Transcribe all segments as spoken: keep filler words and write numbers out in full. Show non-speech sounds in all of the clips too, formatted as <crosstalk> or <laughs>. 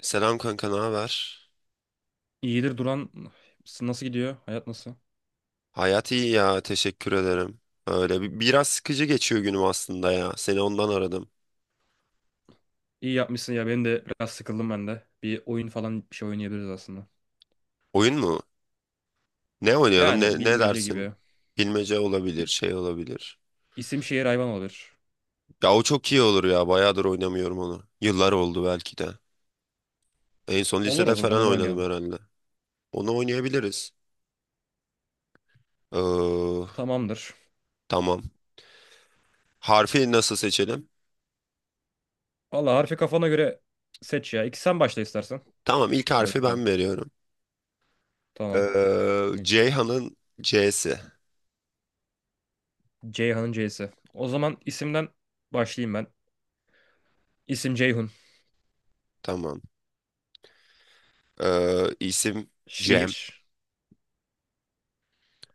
Selam kanka, ne haber? İyidir Duran. Nasıl gidiyor? Hayat nasıl? Hayat iyi ya, teşekkür ederim. Öyle bi- biraz sıkıcı geçiyor günüm aslında ya. Seni ondan aradım. İyi yapmışsın ya. Benim de biraz sıkıldım ben de. Bir oyun falan bir şey oynayabiliriz aslında. Oyun mu? Ne oynayalım? Yani Ne, ne bilmece dersin? gibi. Bilmece olabilir, İ- şey olabilir. İsim şehir hayvan olabilir. Ya o çok iyi olur ya. Bayağıdır oynamıyorum onu. Yıllar oldu belki de. En son Olur o lisede zaman falan onu oynadım oynayalım. herhalde. Onu oynayabiliriz. Ee, Tamamdır. tamam. Harfi nasıl seçelim? Valla harfi kafana göre seç ya. İki sen başla istersen. Tamam, ilk Böyle harfi yapalım. ben veriyorum. Tamam. Ee, Ceyhan'ın C'si. Ceyhan'ın C'si. O zaman isimden başlayayım ben. İsim Ceyhun. Tamam. Ee, isim Cem. Şehir.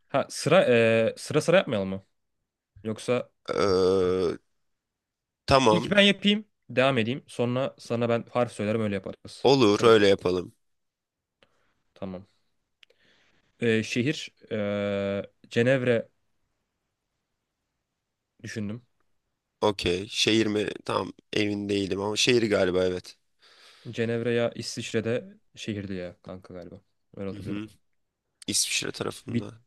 Ha sıra eee, sıra sıra yapmayalım mı? Yoksa Ee, ilk tamam. ben yapayım. Devam edeyim. Sonra sana ben harf söylerim öyle yaparız. Olur Sıra öyle sıra. yapalım. Tamam. Ee, şehir ee, Cenevre düşündüm. Okey. Şehir mi? Tam emin değilim ama şehir galiba evet. Cenevre ya İsviçre'de şehirdi ya kanka galiba. Öyle Hı hı. hatırlıyorum. İsviçre Bit- tarafında.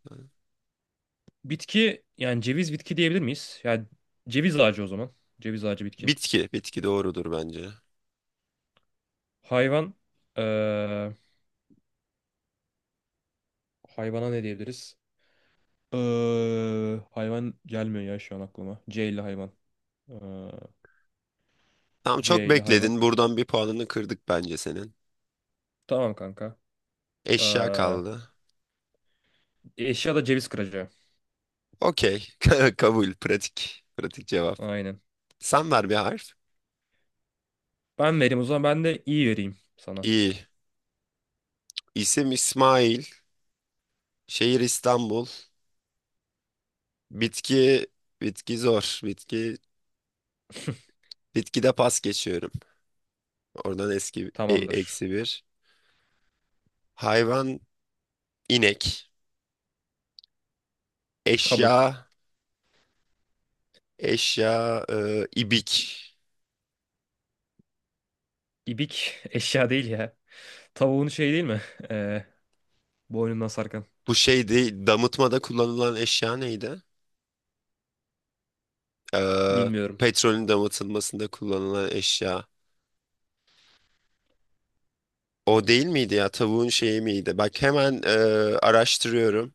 bitki yani ceviz bitki diyebilir miyiz? Yani ceviz ağacı o zaman. Ceviz ağacı bitki. Bitki. Bitki doğrudur bence. Hayvan ee, hayvana ne diyebiliriz? Ee, hayvan gelmiyor ya şu an aklıma. C ile hayvan. Ee, Tamam çok C ile hayvan. bekledin. Buradan bir puanını kırdık bence senin. Tamam kanka. Eşya Ee, kaldı. eşya da ceviz kıracağı. Okey. <laughs> Kabul. Pratik. Pratik cevap. Aynen. Sen ver bir harf. Ben vereyim o zaman ben de iyi vereyim sana. İyi. İsim İsmail. Şehir İstanbul. Bitki. Bitki zor. Bitki. <laughs> Bitkide pas geçiyorum. Oradan eski e- Tamamdır. eksi bir. Hayvan inek. Kabul. Eşya eşya e, ibik. İbik <laughs> eşya değil ya. Tavuğun şeyi değil mi? <laughs> Ee, boynundan sarkan. Bu şeydi damıtmada kullanılan eşya neydi? E, Bilmiyorum. Petrolün damıtılmasında kullanılan eşya. O değil miydi ya? Tavuğun şeyi miydi? Bak hemen e, araştırıyorum.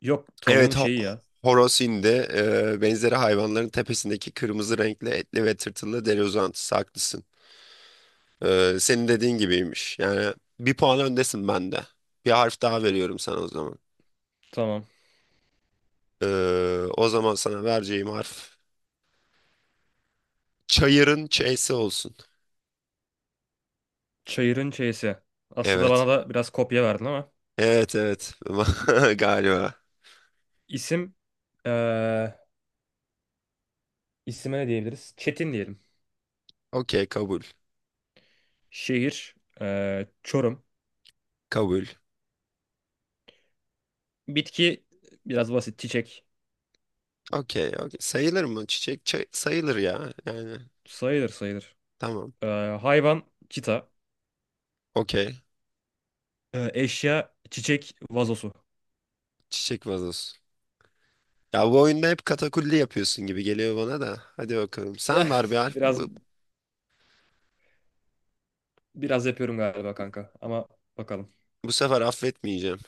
Yok tavuğun Evet ho şeyi ya. horoz hindi. E, benzeri hayvanların tepesindeki kırmızı renkli etli ve tırtılı deri uzantısı. Haklısın. E, senin dediğin gibiymiş. Yani bir puan öndesin bende. Bir harf daha veriyorum sana o zaman. Tamam. Ee, O zaman sana vereceğim harf çayırın ç'si olsun. Çayırın çeyisi. Aslında bana Evet. da biraz kopya verdin ama. Evet evet. <laughs> Galiba. İsim ee, isime ne diyebiliriz? Çetin diyelim. Okey kabul. Şehir ee, Çorum. Kabul. Bitki biraz basit. Çiçek. Okey okey. Sayılır mı? Çiçek çay- sayılır ya. Yani Sayılır, sayılır. Tamam. Ee, hayvan çita. Okey. Ee, eşya çiçek vazosu. Çiçek vazosu. Ya bu oyunda hep katakulli yapıyorsun gibi geliyor bana da. Hadi bakalım. Ya Sen ver bir <laughs> harf. biraz Bu, biraz yapıyorum galiba kanka ama bakalım. Bu sefer affetmeyeceğim.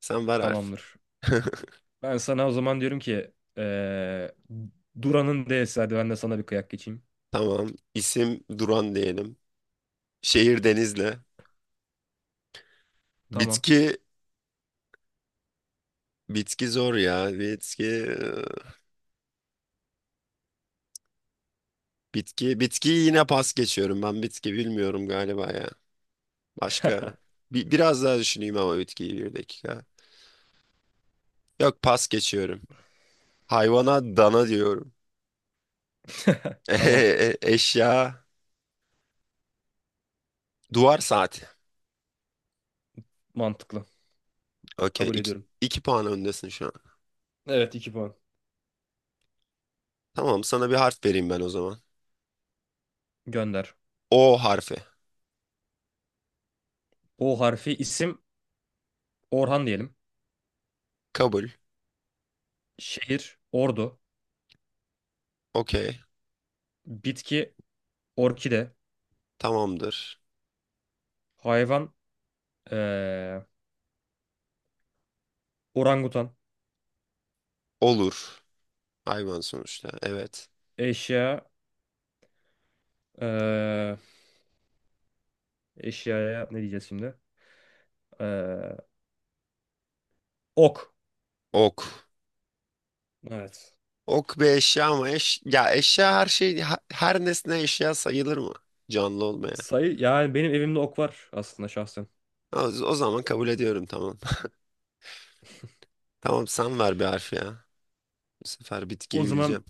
Sen ver harf. Tamamdır. <laughs> Ben sana o zaman diyorum ki eee, Duran'ın D'si hadi ben de sana bir kıyak geçeyim. Tamam. İsim Duran diyelim. Şehir Denizli. Tamam. Bitki. Bitki zor ya. Bitki. Bitki, bitkiyi yine pas geçiyorum. Ben bitki bilmiyorum galiba ya. Başka <laughs> bir, biraz daha düşüneyim ama bitkiyi bir dakika. Yok pas geçiyorum. Hayvana dana diyorum. <laughs> Tamam. E- Eşya duvar saati. Mantıklı. Okey Kabul iki, ediyorum. iki puan öndesin şu an. Evet, iki puan. Tamam sana bir harf vereyim ben o zaman. Gönder. O harfi. O harfi isim Orhan diyelim. Kabul. Şehir Ordu. Okey. Bitki orkide. Tamamdır. Hayvan eee, orangutan. Olur. Hayvan sonuçta. Evet. Eşya eee, eşyaya ne diyeceğiz şimdi? Eee, ok. Ok. Evet. Ok bir eşya ama eş ya eşya her şey ha- her nesne eşya sayılır mı? Canlı olmayan. Sayı yani benim evimde ok var aslında şahsen. O, o zaman kabul ediyorum tamam. <laughs> Tamam sen ver bir harf ya. Bu sefer O bitkiyi bileceğim. zaman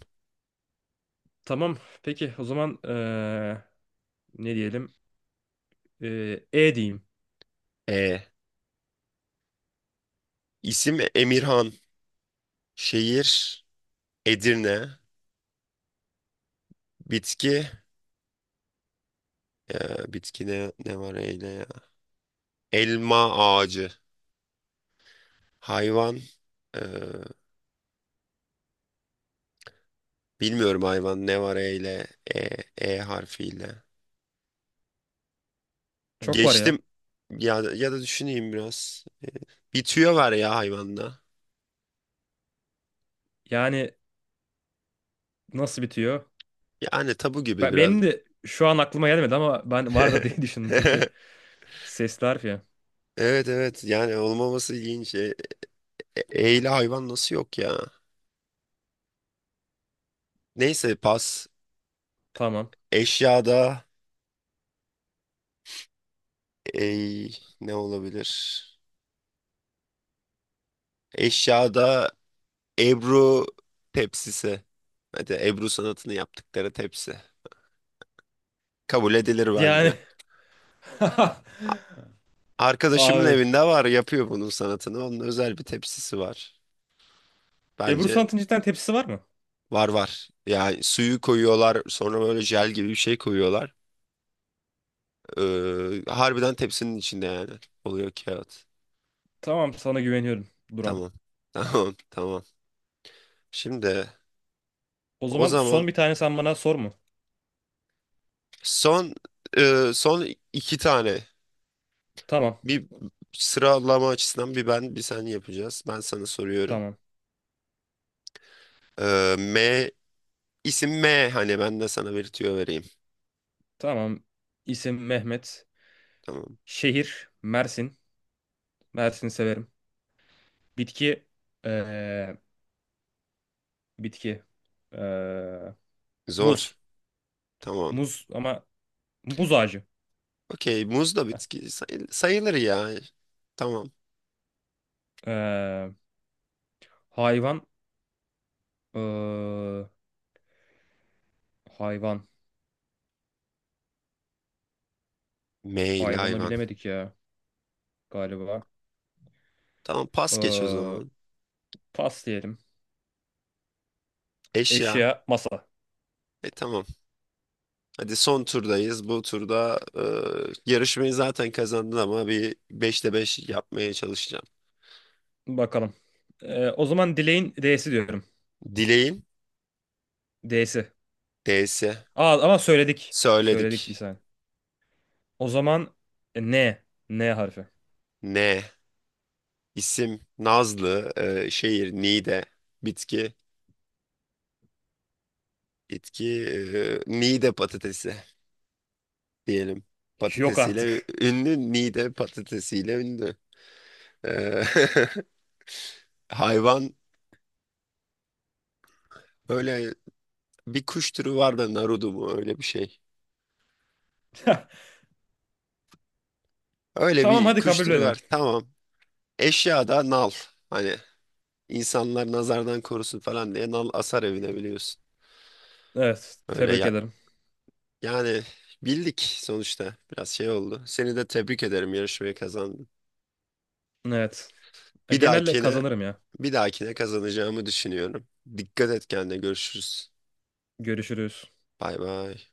tamam. Peki o zaman eee, ne diyelim? Eee, E diyeyim. E. İsim Emirhan. Şehir Edirne. Bitki. E, bitki ne, ne var eyle ya? Elma ağacı. Hayvan. e, Bilmiyorum hayvan ne var eyle. E, E harfiyle. Çok var ya. Geçtim. Ya, ya da düşüneyim biraz. Bir tüyo var ya hayvanda. Yani nasıl bitiyor? Yani tabu gibi Ben, biraz. benim de şu an aklıma gelmedi ama ben vardır diye <laughs> düşündüm çünkü <laughs> sesli harf ya. Evet evet yani olmaması ilginç. E, E- Eyle hayvan nasıl yok ya? Neyse pas. Tamam. Eşyada ey ne olabilir? Eşyada Ebru tepsisi. Hadi Ebru sanatını yaptıkları tepsi. Kabul edilir Yani bence. <laughs> A- Arkadaşımın abi evinde var yapıyor bunun sanatını. Onun özel bir tepsisi var. Ebru Bence Sanat'ın cidden tepsisi var mı? var var. Yani suyu koyuyorlar sonra böyle jel gibi bir şey koyuyorlar. Ee, harbiden tepsinin içinde yani. Oluyor kağıt. Tamam sana güveniyorum Duran. Tamam. <laughs> Tamam tamam. Şimdi O O zaman zaman son bir tane sen bana sor mu? son e, son iki tane Tamam. bir sıralama açısından bir ben bir sen yapacağız. Ben sana soruyorum. Tamam. E, M isim M hani ben de sana bir tüyo vereyim. Tamam. İsim Mehmet. Tamam. Şehir Mersin. Mersin'i severim. Bitki eee, bitki. Ee, Zor. muz. Tamam. Muz ama muz ağacı. Okey. Muz da Heh. bitki sayı- sayılır ya. Tamam. Ee, hayvan. Ee, hayvan. M ile Hayvanı hayvan. bilemedik ya galiba. Tamam pas geç o Ee, zaman. pas diyelim. Eşya. Eşya, masa. E tamam. Hadi son turdayız. Bu turda e, yarışmayı zaten kazandın ama bir beşte beş yapmaya çalışacağım. Bakalım. Ee, o zaman dileğin D'si diyorum. Dileğin D'si. D'si. Aa, ama söyledik. Söyledik bir Söyledik. saniye. O zaman e, N. N harfi. Ne? İsim Nazlı, e, şehir Niğde, bitki, bitki e, Niğde patatesi diyelim. Yok Patatesiyle artık. ünlü, Niğde patatesiyle ünlü. E, <laughs> Hayvan öyle bir kuş türü var da narudu mu öyle bir şey. <laughs> Öyle Tamam bir hadi kuş kabul türü edelim. var. Tamam. Eşya da nal. Hani insanlar nazardan korusun falan diye nal asar evine biliyorsun. Evet. Tebrik Öyle ederim. yani bildik sonuçta. Biraz şey oldu. Seni de tebrik ederim yarışmayı kazandın. Evet. E, Bir genelde dahakine, kazanırım ya. Bir dahakine kazanacağımı düşünüyorum. Dikkat et kendine. Görüşürüz. Görüşürüz. Bay bay.